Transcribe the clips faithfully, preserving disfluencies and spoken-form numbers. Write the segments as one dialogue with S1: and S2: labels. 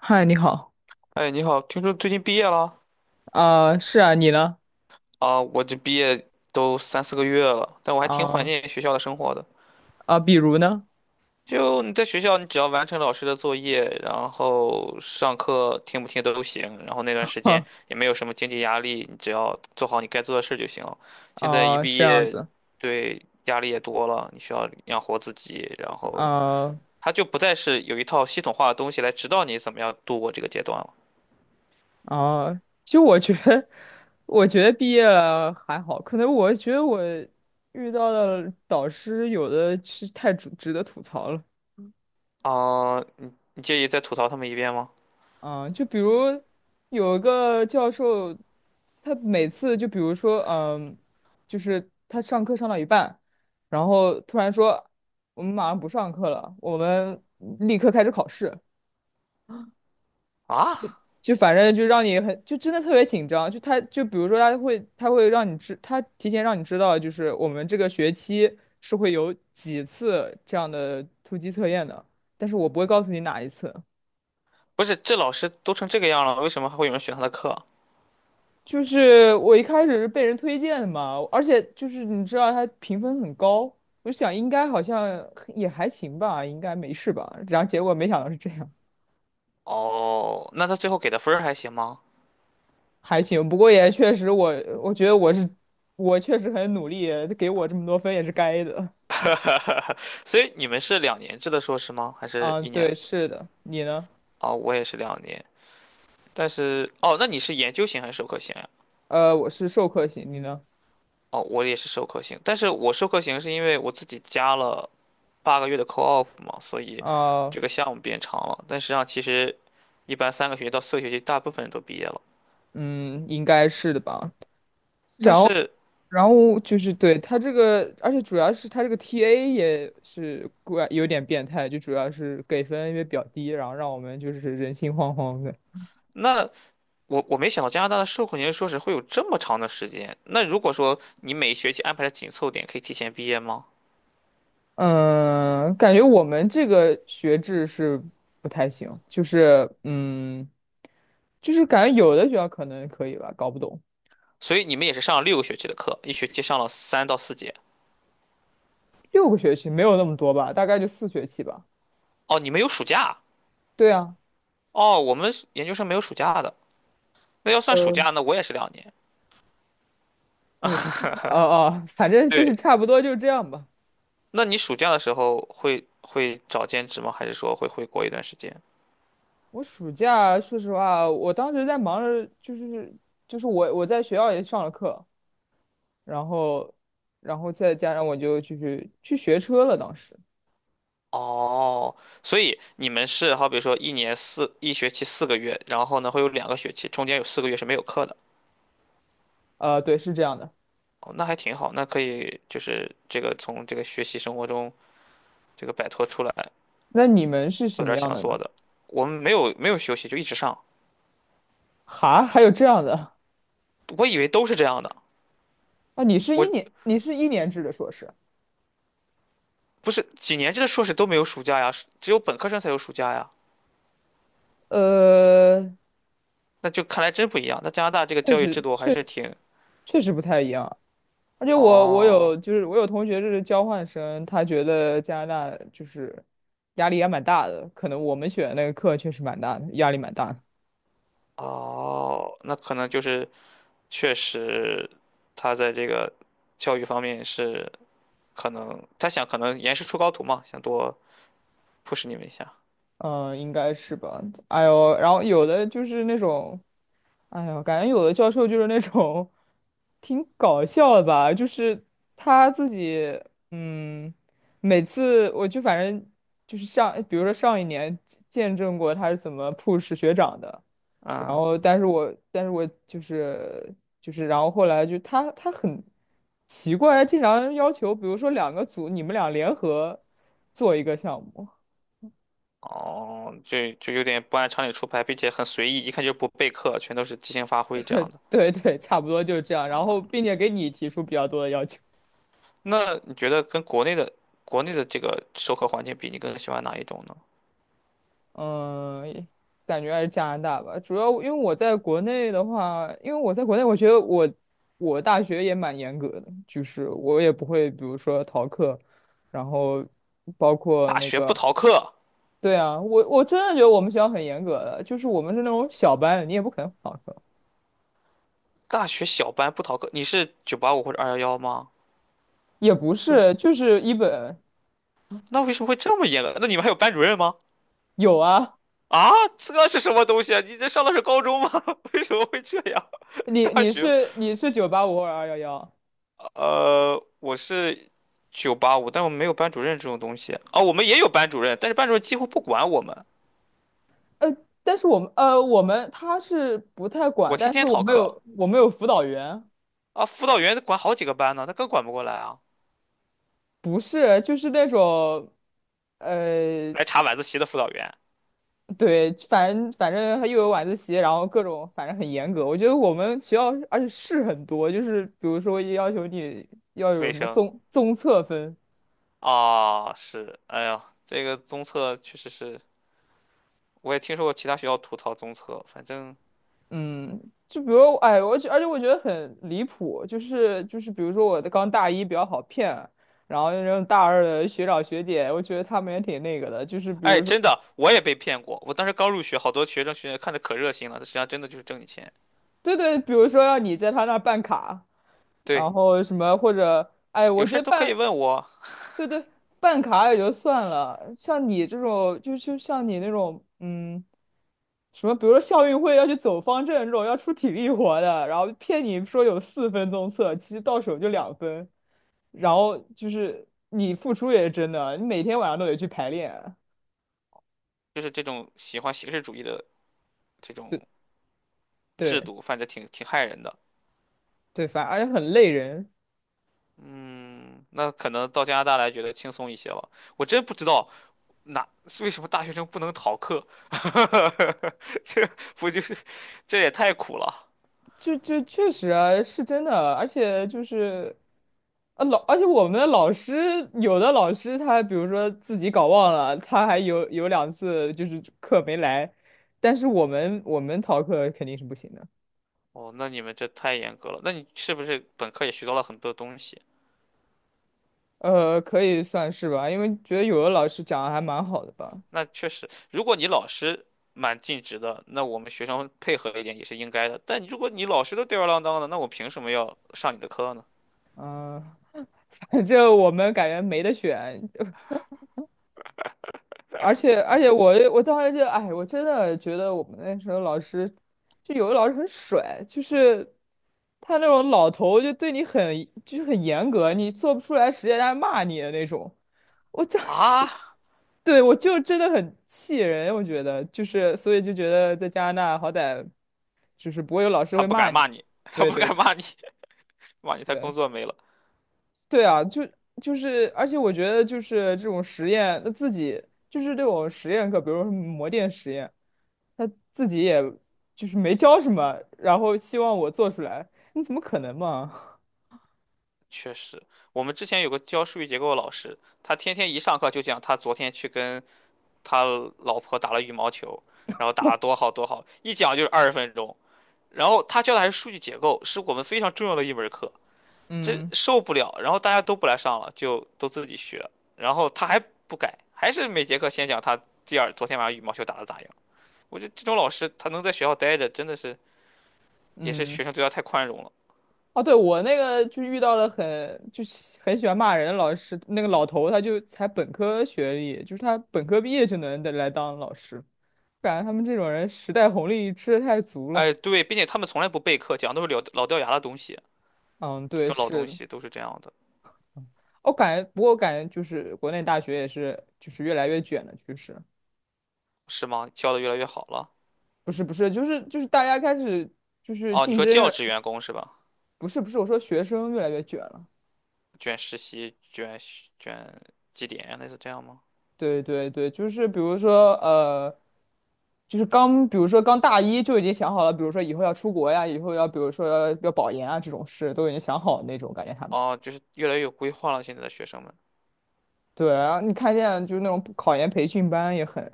S1: 嗨，你好。
S2: 哎，你好，听说最近毕业了。
S1: 啊、是啊，你呢？
S2: 啊？我这毕业都三四个月了，但我还挺怀
S1: 啊、
S2: 念学校的生活的。
S1: 啊、比如呢？
S2: 就你在学校，你只要完成老师的作业，然后上课听不听都行，然后那段时间
S1: 哼。
S2: 也没有什么经济压力，你只要做好你该做的事儿就行了。现在一
S1: 啊、
S2: 毕
S1: 这样
S2: 业，
S1: 子。
S2: 对，压力也多了，你需要养活自己，然后
S1: 啊、
S2: 它就不再是有一套系统化的东西来指导你怎么样度过这个阶段了。
S1: 啊、就我觉得，我觉得毕业了还好，可能我觉得我遇到的导师有的是太值值得吐槽了。
S2: 啊，你你介意再吐槽他们一遍吗？
S1: 啊、就比如有一个教授，他每次就比如说，嗯、就是他上课上到一半，然后突然说，我们马上不上课了，我们立刻开始考试。
S2: 啊？
S1: 就反正就让你很，就真的特别紧张。就他，就比如说他会，他会让你知，他提前让你知道，就是我们这个学期是会有几次这样的突击测验的，但是我不会告诉你哪一次。
S2: 不是，这老师都成这个样了，为什么还会有人选他的课？
S1: 就是我一开始是被人推荐的嘛，而且就是你知道他评分很高，我就想应该好像也还行吧，应该没事吧。然后结果没想到是这样。
S2: 哦，那他最后给的分儿还行吗？
S1: 还行。不过也确实我，我觉得我是我确实很努力，给我这么多分也是该的。
S2: 所以你们是两年制的硕士吗？还是
S1: 嗯，
S2: 一年？
S1: 对，是的，你呢？
S2: 哦，我也是两年，但是哦，那你是研究型还是授课型呀？
S1: 呃，我是授课型，你呢？
S2: 哦，我也是授课型，但是我授课型是因为我自己加了八个月的 co-op 嘛，所以
S1: 啊。
S2: 这个项目变长了。但实际上，其实一般三个学期到四个学期，大部分人都毕业了。
S1: 嗯，应该是的吧。
S2: 但是
S1: 然后就是对他这个，而且主要是他这个 T A 也是怪有点变态，就主要是给分因为比较低，然后让我们就是人心惶惶的。
S2: 那我我没想到加拿大的授课年度硕士会有这么长的时间。那如果说你每学期安排的紧凑点，可以提前毕业吗？
S1: 嗯，感觉我们这个学制是不太行，就是嗯，就是感觉有的学校可能可以吧，搞不懂。
S2: 所以你们也是上了六个学期的课，一学期上了三到四节。
S1: 六个学期没有那么多吧，大概就四学期吧。
S2: 哦，你们有暑假？
S1: 对啊。
S2: 哦，我们研究生没有暑假的。那要算暑
S1: 呃
S2: 假，那我也是两年。
S1: 对，差不多。哦哦，反正就是
S2: 对，
S1: 差不多就是这样吧。
S2: 那你暑假的时候会会找兼职吗？还是说会回国一段时间？
S1: 我暑假，说实话，我当时在忙着，就是就是我我在学校也上了课，然后然后再加上我就就是去学车了。当时，
S2: 哦，所以你们是好比说一年四一学期四个月，然后呢会有两个学期，中间有四个月是没有课的。
S1: 呃，对，是这样的。
S2: 哦，那还挺好，那可以就是这个从这个学习生活中这个摆脱出来，
S1: 那你们是什
S2: 做点
S1: 么
S2: 儿
S1: 样
S2: 想
S1: 的
S2: 做
S1: 呢？
S2: 的。我们没有没有休息，就一直上。
S1: 哈，还有这样的？
S2: 我以为都是这样的，
S1: 啊？你是一
S2: 我
S1: 年，你是一年制的硕士？
S2: 不是几年制的硕士都没有暑假呀，只有本科生才有暑假呀。
S1: 呃，
S2: 那就看来真不一样。那加拿大这个
S1: 确
S2: 教育制
S1: 实，
S2: 度还
S1: 确
S2: 是挺……
S1: 确实不太一样。而且我我
S2: 哦
S1: 有就是我有同学就是交换生，他觉得加拿大就是压力也蛮大的，可能我们选的那个课确实蛮大的，压力蛮大的。
S2: 哦，那可能就是确实，他在这个教育方面是可能他想可能严师出高徒嘛，想多 push 你们一下。
S1: 嗯，应该是吧。哎呦，然后有的就是那种，哎呦，感觉有的教授就是那种挺搞笑的吧，就是他自己，嗯，每次我就反正就是像，比如说上一年见证过他是怎么 push 学长的。然
S2: 嗯
S1: 后，但是我，但是我就是就是，然后后来就他他很奇怪，经常要求，比如说两个组，你们俩联合做一个项目。
S2: 哦，就就有点不按常理出牌，并且很随意，一看就不备课，全都是即兴发挥这样 的。
S1: 对对，差不多就是这样。然
S2: 哦，
S1: 后，并且给你提出比较多的要求。
S2: 那你觉得跟国内的国内的这个授课环境比，你更喜欢哪一种呢？
S1: 嗯，也感觉还是加拿大吧。主要因为我在国内的话，因为我在国内，我觉得我我大学也蛮严格的，就是我也不会，比如说逃课，然后包括
S2: 大
S1: 那
S2: 学不
S1: 个。
S2: 逃课，
S1: 对啊，我我真的觉得我们学校很严格的，就是我们是那种小班，你也不可能旷课。
S2: 大学小班不逃课，你是九八五或者二幺幺吗？
S1: 也不
S2: 不是，
S1: 是，就是一本。
S2: 那为什么会这么严格？那你们还有班主任吗？
S1: 有啊。
S2: 啊，这是什么东西啊？你这上的是高中吗？为什么会这样？
S1: 你
S2: 大
S1: 你
S2: 学
S1: 是你是九八五或者二幺幺？
S2: 呃，我是九八五，但我们没有班主任这种东西。啊。我们也有班主任，但是班主任几乎不管我们。
S1: 呃，但是我们呃我们他是不太管，
S2: 我天
S1: 但是
S2: 天
S1: 我
S2: 逃
S1: 们
S2: 课
S1: 有我们有辅导员。
S2: 啊，辅导员管好几个班呢，他更管不过来啊。
S1: 不是就是那种，呃，
S2: 来查晚自习的辅导员，
S1: 对，反正反正又有晚自习，然后各种反正很严格，我觉得我们学校而且事很多，就是比如说要求你要有
S2: 卫
S1: 什么
S2: 生
S1: 综综测分。
S2: 啊，是，哎呀，这个综测确实是，我也听说过其他学校吐槽综测，反正，
S1: 嗯，就比如，哎，我觉，而且我觉得很离谱，就是就是，比如说我的刚大一比较好骗，然后那种大二的学长学姐，我觉得他们也挺那个的，就是比
S2: 哎，
S1: 如说，
S2: 真的，我也被骗过。我当时刚入学，好多学生学姐看着可热心了，他实际上真的就是挣你钱。
S1: 对对，比如说让你在他那儿办卡，然
S2: 对，
S1: 后什么或者，哎，我
S2: 有
S1: 觉
S2: 事儿
S1: 得
S2: 都可以
S1: 办，
S2: 问我，
S1: 对对，办卡也就算了，像你这种，就就像你那种，嗯，什么，比如说校运会要去走方阵这种要出体力活的，然后骗你说有四分钟测，其实到手就两分。然后就是你付出也是真的啊，你每天晚上都得去排练。
S2: 就是这种喜欢形式主义的这种。
S1: 对
S2: 制
S1: 对
S2: 度，反正挺挺害人的。
S1: 对。反而且很累人。
S2: 嗯，那可能到加拿大来觉得轻松一些了。我真不知道哪为什么大学生不能逃课，这不就是这也太苦了。
S1: 就就确实啊，是真的啊，而且就是啊老，而且我们的老师有的老师他比如说自己搞忘了，他还有有两次就是课没来，但是我们我们逃课肯定是不行的。
S2: 哦，那你们这太严格了。那你是不是本科也学到了很多东西？
S1: 呃，可以算是吧，因为觉得有的老师讲的还蛮好的吧。
S2: 那确实，如果你老师蛮尽职的，那我们学生配合一点也是应该的。但你如果你老师都吊儿郎当的，那我凭什么要上你的课呢？
S1: 嗯、反我们感觉没得选，而且而且我我当时就哎，我真的觉得我们那时候老师，就有的老师很甩，就是他那种老头就对你很就是很严格，你做不出来实验他还骂你的那种。我当时
S2: 啊，
S1: 对我就真的很气人，我觉得就是所以就觉得在加拿大好歹就是不会有老师
S2: 他
S1: 会
S2: 不
S1: 骂
S2: 敢
S1: 你。
S2: 骂你，他
S1: 对
S2: 不
S1: 对
S2: 敢
S1: 对
S2: 骂你，骂你他
S1: 对。
S2: 工作没了。
S1: 对啊，就就是，而且我觉得就是这种实验，那自己就是这种实验课，比如说模电实验，他自己也就是没教什么，然后希望我做出来，你怎么可能嘛？
S2: 确实，我们之前有个教数据结构的老师，他天天一上课就讲他昨天去跟他老婆打了羽毛球，然后打得多好多好，一讲就是二十分钟。然后他教的还是数据结构，是我们非常重要的一门课，这
S1: 嗯
S2: 受不了。然后大家都不来上了，就都自己学。然后他还不改，还是每节课先讲他第二昨天晚上羽毛球打得咋样。我觉得这种老师他能在学校待着，真的是也是
S1: 嗯。
S2: 学生对他太宽容了。
S1: 哦，对，我那个就遇到了很就是很喜欢骂人的老师，那个老头他就才本科学历，就是他本科毕业就能来当老师，感觉他们这种人时代红利吃的太足了。
S2: 哎，对，并且他们从来不备课，讲都是老老掉牙的东西。
S1: 嗯，
S2: 这
S1: 对，
S2: 种老东
S1: 是。
S2: 西都是这样的，
S1: 我感觉，不过我感觉就是国内大学也是，就是越来越卷的趋势。
S2: 是吗？教的越来越好了。
S1: 不是不是，就是就是大家开始就是
S2: 哦，你
S1: 竞
S2: 说
S1: 争
S2: 教
S1: 越，
S2: 职员工是吧？
S1: 不是不是，我说学生越来越卷了。
S2: 卷实习、卷卷绩点啊，类似这样吗？
S1: 对对对，就是比如说呃，就是刚比如说刚大一就已经想好了，比如说以后要出国呀，以后要比如说要要保研啊这种事都已经想好了那种，感觉他们。
S2: 哦，就是越来越有规划了。现在的学生们
S1: 对啊，你看现在就是那种考研培训班也很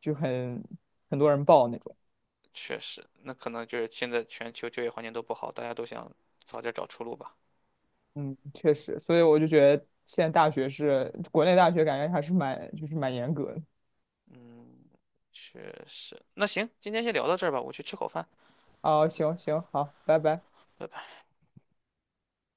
S1: 就很很多人报那种。
S2: 确实，那可能就是现在全球就业环境都不好，大家都想早点找出路吧。
S1: 嗯，确实，所以我就觉得现在大学是国内大学，感觉还是蛮就是蛮严格的。
S2: 嗯，确实。那行，今天先聊到这儿吧，我去吃口饭，
S1: 哦，行行，好，拜拜。
S2: 拜拜。